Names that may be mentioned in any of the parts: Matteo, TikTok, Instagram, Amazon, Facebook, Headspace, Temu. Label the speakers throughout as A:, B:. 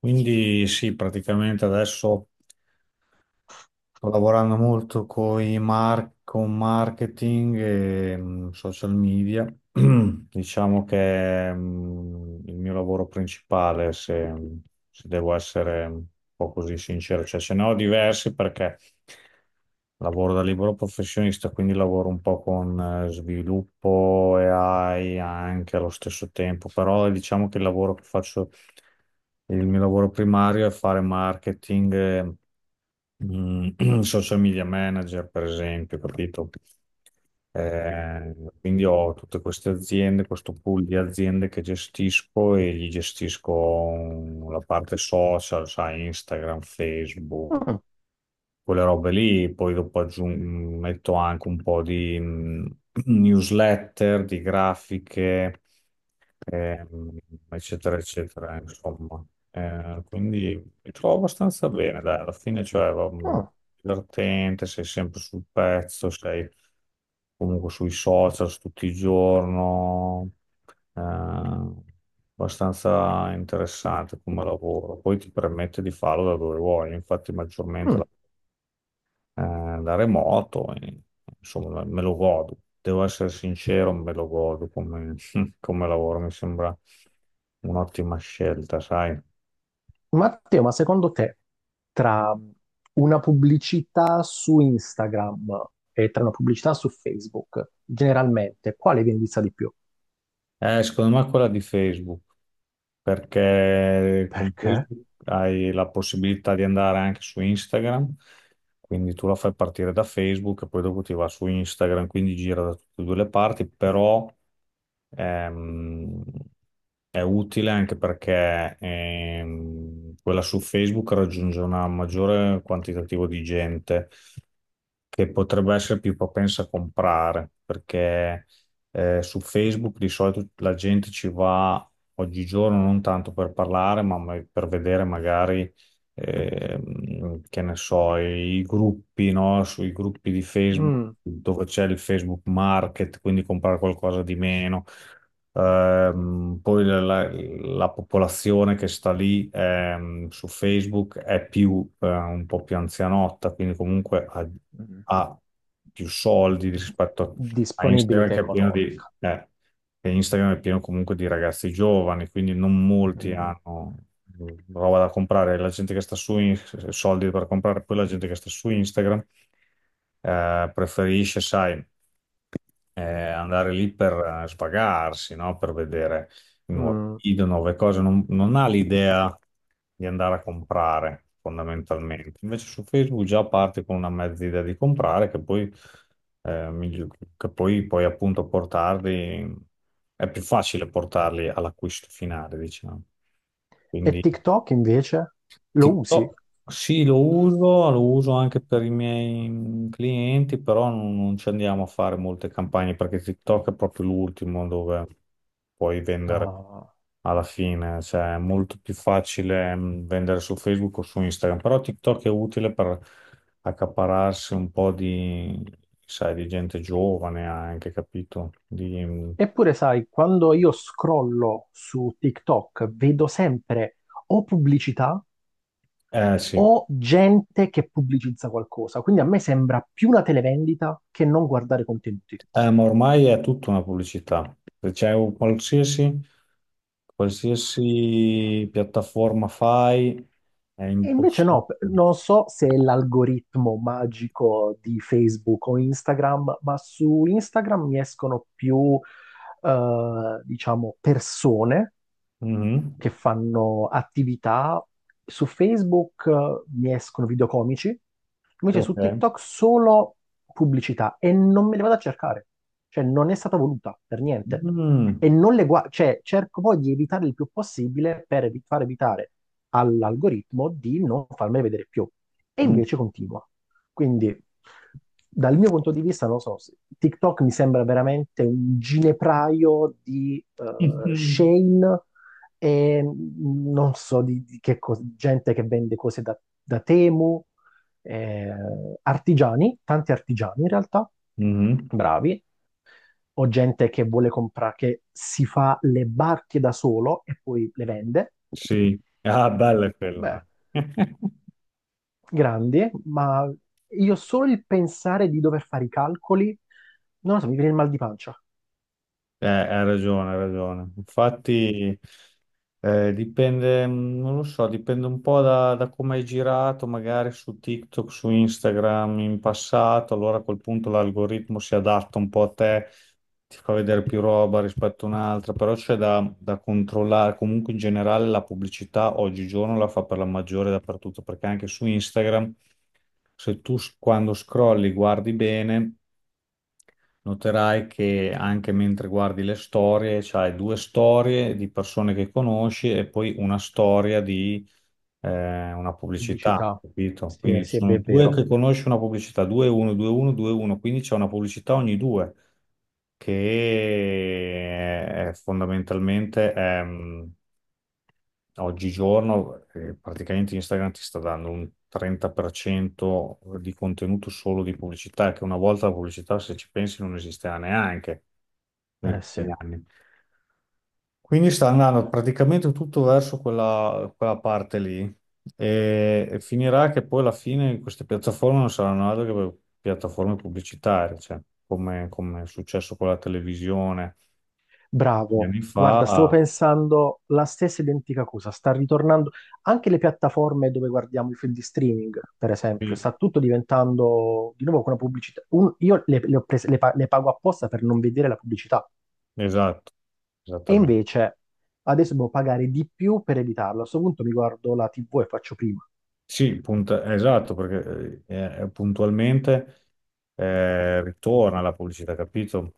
A: Quindi sì, praticamente adesso. Sto lavorando molto coi con marketing e social media. Diciamo che è il mio lavoro principale, se devo essere un po' così sincero. Cioè, ce ne ho diversi perché lavoro da libero professionista, quindi lavoro un po' con sviluppo e AI anche allo stesso tempo, però diciamo che il lavoro che faccio, il mio lavoro primario è fare marketing. Social media manager, per esempio, capito? Eh, quindi ho tutte queste aziende, questo pool di aziende che gestisco e gli gestisco la parte social, sai, Instagram, Facebook,
B: Mm,
A: quelle robe lì. Poi dopo metto anche un po' di newsletter, di grafiche ehm, eccetera, eccetera, insomma. Quindi mi trovo abbastanza bene, dai, alla fine, cioè,
B: mm,
A: divertente, sei sempre sul pezzo, sei comunque sui social tutto il giorno, eh, abbastanza interessante come lavoro. Poi ti permette di farlo da dove vuoi, infatti maggiormente
B: mm.
A: da remoto, e, insomma, me lo godo. Devo essere sincero, me lo godo come, come lavoro, mi sembra un'ottima scelta, sai?
B: Matteo, ma secondo te tra una pubblicità su Instagram e tra una pubblicità su Facebook, generalmente, quale viene vista di più?
A: Secondo me quella di Facebook. Perché con
B: Perché?
A: questo hai la possibilità di andare anche su Instagram, quindi tu la fai partire da Facebook e poi dopo ti va su Instagram, quindi gira da tutte e due le parti, però ehm, è utile anche perché quella su Facebook raggiunge una maggiore quantitativo di gente che potrebbe essere più propensa a comprare, perché su Facebook di solito la gente ci va oggigiorno non tanto per parlare, ma per vedere magari che ne so, i gruppi, no? Sui gruppi di Facebook
B: Mm,
A: dove c'è il Facebook Market, quindi comprare qualcosa di meno. Poi la popolazione che sta lì su Facebook è più un po' più anzianotta, quindi comunque ha,
B: mm.
A: ha più soldi rispetto a Instagram
B: Disponibilità
A: che è pieno di,
B: economica.
A: eh, che Instagram è pieno comunque di ragazzi giovani, quindi non molti
B: Mm,
A: hanno mm, roba da comprare. La gente che sta su in- soldi per comprare, poi la gente che sta su Instagram preferisce, sai eh, andare lì per spagarsi, no? Per vedere nuovi
B: mm.
A: video, nuove cose, non ha l'idea di andare a comprare fondamentalmente. Invece su Facebook già parti con una mezza idea di comprare che poi, eh, migli- che poi puoi appunto portarli, è più facile portarli all'acquisto finale, diciamo.
B: E
A: Quindi
B: TikTok invece? Lo usi?
A: TikTok, sì, lo uso anche per i miei clienti, però non ci andiamo a fare molte campagne perché TikTok è proprio l'ultimo dove puoi vendere
B: No.
A: alla fine, cioè è molto più facile vendere su Facebook o su Instagram, però TikTok è utile per accapararsi un po' di, sai, di gente giovane anche, capito? Di,
B: Eppure, sai, quando io scrollo su TikTok, vedo sempre o pubblicità
A: eh sì.
B: o gente che pubblicizza qualcosa. Quindi a me sembra più una televendita che non guardare contenuti.
A: Ma ormai è tutta una pubblicità. Se c'è un qualsiasi, qualsiasi piattaforma fai, è
B: E invece
A: impossibile.
B: no, non so se è l'algoritmo magico di Facebook o Instagram, ma su Instagram mi escono più, diciamo, persone
A: Mhm.
B: che fanno attività. Su Facebook mi escono video comici, invece su
A: Ok.
B: TikTok solo pubblicità e non me le vado a cercare. Cioè, non è stata voluta per niente.
A: Mm.
B: E non le guardo, cioè, cerco poi di evitare il più possibile per far evitare all'algoritmo di non farmele vedere più. E
A: Mm.
B: invece continua. Quindi, dal mio punto di vista, non lo so, TikTok mi sembra veramente un ginepraio di shame e non so di che cosa, gente che vende cose da Temu, eh, artigiani, tanti artigiani in realtà,
A: Mhm.
B: bravi, o gente che vuole comprare, che si fa le barche da solo e poi le vende.
A: Sì. Ah, bella è
B: Beh,
A: quella.
B: grandi, ma io solo il pensare di dover fare i calcoli, non lo so, mi viene il mal di pancia.
A: Hai ragione, hai ragione. Infatti, dipende, non lo so, dipende un po' da, da come hai girato, magari su TikTok, su Instagram in passato, allora a quel punto l'algoritmo si adatta un po' a te, ti fa vedere più roba rispetto a un'altra, però c'è da, da controllare. Comunque in generale la pubblicità oggigiorno la fa per la maggiore dappertutto, perché anche su Instagram, se tu s- quando scrolli guardi bene. Noterai che anche mentre guardi le storie, c'hai due storie di persone che conosci e poi una storia di una pubblicità,
B: Pubblicità,
A: capito?
B: sì,
A: Quindi ci
B: sì, è
A: sono due
B: vero,
A: che conosci una pubblicità, 2-1, 2-1, 2-1, quindi c'è una pubblicità ogni due, che è fondamentalmente oggigiorno praticamente Instagram ti sta dando un 30% di contenuto solo di pubblicità, che una volta la pubblicità, se ci pensi, non esisteva neanche nei
B: eh sì.
A: primi anni. Quindi sta andando praticamente tutto verso quella, quella parte lì e finirà che poi alla fine queste piattaforme non saranno altro che piattaforme pubblicitarie, cioè, come, come è successo con la televisione gli
B: Bravo,
A: anni
B: guarda, stavo
A: fa.
B: pensando la stessa identica cosa, sta ritornando anche le piattaforme dove guardiamo i film di streaming, per esempio,
A: Sì,
B: sta tutto diventando di nuovo con una pubblicità. Io le pago apposta per non vedere la pubblicità
A: esatto,
B: e
A: esattamente.
B: invece adesso devo pagare di più per evitarlo. A questo punto mi guardo la TV e faccio prima.
A: Sì, esatto, perché puntualmente ritorna la pubblicità, capito?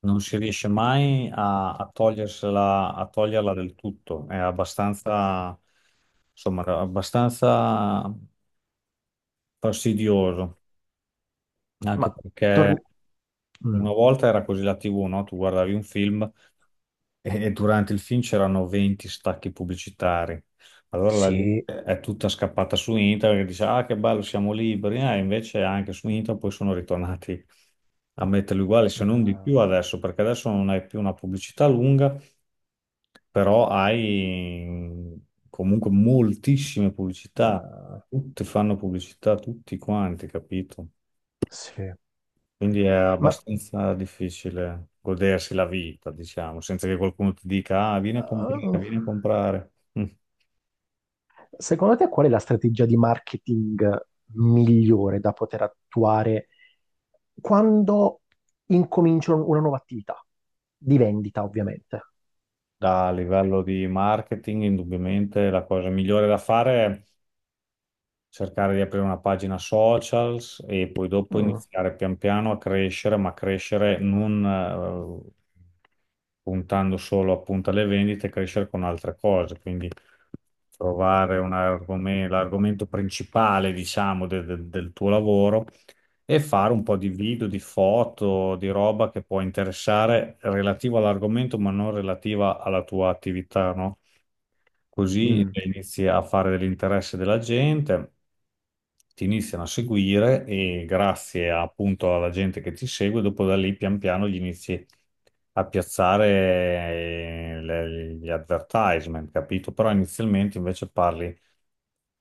A: Non si riesce mai a, a togliersela, a toglierla del tutto, è abbastanza, insomma, era abbastanza fastidioso,
B: Ma
A: anche perché
B: torni... Mm,
A: una volta era così la TV, no? Tu guardavi un film e durante il film c'erano 20 stacchi pubblicitari. Allora la
B: sì,
A: gente è tutta scappata su internet e dice: Ah, che bello, siamo liberi. Invece anche su internet poi sono ritornati a metterli uguali, se non di più
B: eh,
A: adesso, perché adesso non hai più una pubblicità lunga, però hai comunque moltissime pubblicità.
B: eh,
A: Tutti fanno pubblicità, tutti quanti, capito?
B: sì.
A: Quindi è
B: Ma...
A: abbastanza difficile godersi la vita, diciamo, senza che qualcuno ti dica, ah, vieni a
B: eh,
A: comprare, vieni a comprare. Mm.
B: Secondo te qual è la strategia di marketing migliore da poter attuare quando incomincio una nuova attività? Di vendita, ovviamente.
A: Da livello di marketing, indubbiamente la cosa migliore da fare cercare di aprire una pagina socials e poi dopo, mm,
B: Mm,
A: iniziare pian piano a crescere, ma crescere non eh, puntando solo appunto alle vendite, crescere con altre cose, quindi trovare un l'argomento principale, diciamo, del tuo lavoro e fare un po' di video, di foto, di roba che può interessare relativo all'argomento, ma non relativa alla tua attività, no? Così
B: mm,
A: inizi a fare dell'interesse della gente, ti iniziano a seguire e grazie appunto alla gente che ti segue, dopo da lì pian piano gli inizi a piazzare gli advertisement, capito? Però inizialmente invece parli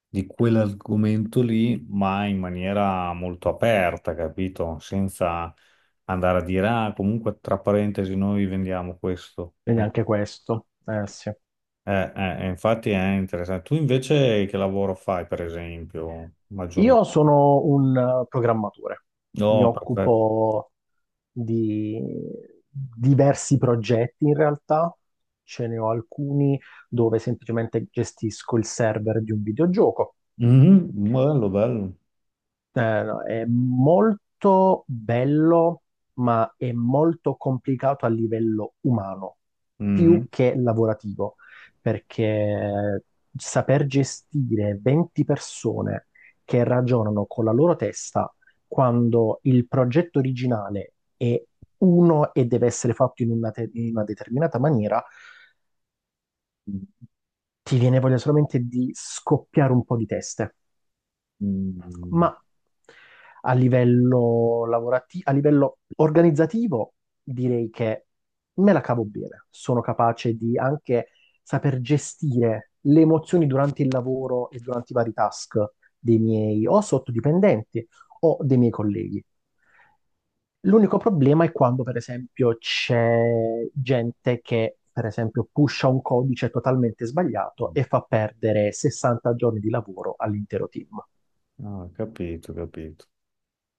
A: di quell'argomento lì, ma in maniera molto aperta, capito? Senza andare a dire, ah, comunque tra parentesi noi vendiamo questo.
B: Quindi
A: Ecco.
B: anche questo. Sì.
A: Infatti è interessante. Tu invece che lavoro fai, per esempio, maggiormente?
B: Io sono un programmatore, mi
A: No, perfetto.
B: occupo di diversi progetti in realtà, ce ne ho alcuni dove semplicemente gestisco il server di un videogioco.
A: Mhm, bello, bello.
B: No, è molto bello, ma è molto complicato a livello umano, più
A: Mhm.
B: che lavorativo, perché saper gestire 20 persone che ragionano con la loro testa quando il progetto originale è uno e deve essere fatto in una in una determinata maniera, ti viene voglia solamente di scoppiare un po' di teste. Ma
A: Mm,
B: a livello lavorativo, a livello organizzativo, direi che me la cavo bene. Sono capace di anche saper gestire le emozioni durante il lavoro e durante i vari task dei miei o sottodipendenti o dei miei colleghi. L'unico problema è quando, per esempio, c'è gente che, per esempio, pusha un codice totalmente sbagliato
A: mm.
B: e fa perdere 60 giorni di lavoro all'intero team.
A: Ah, capito, capito.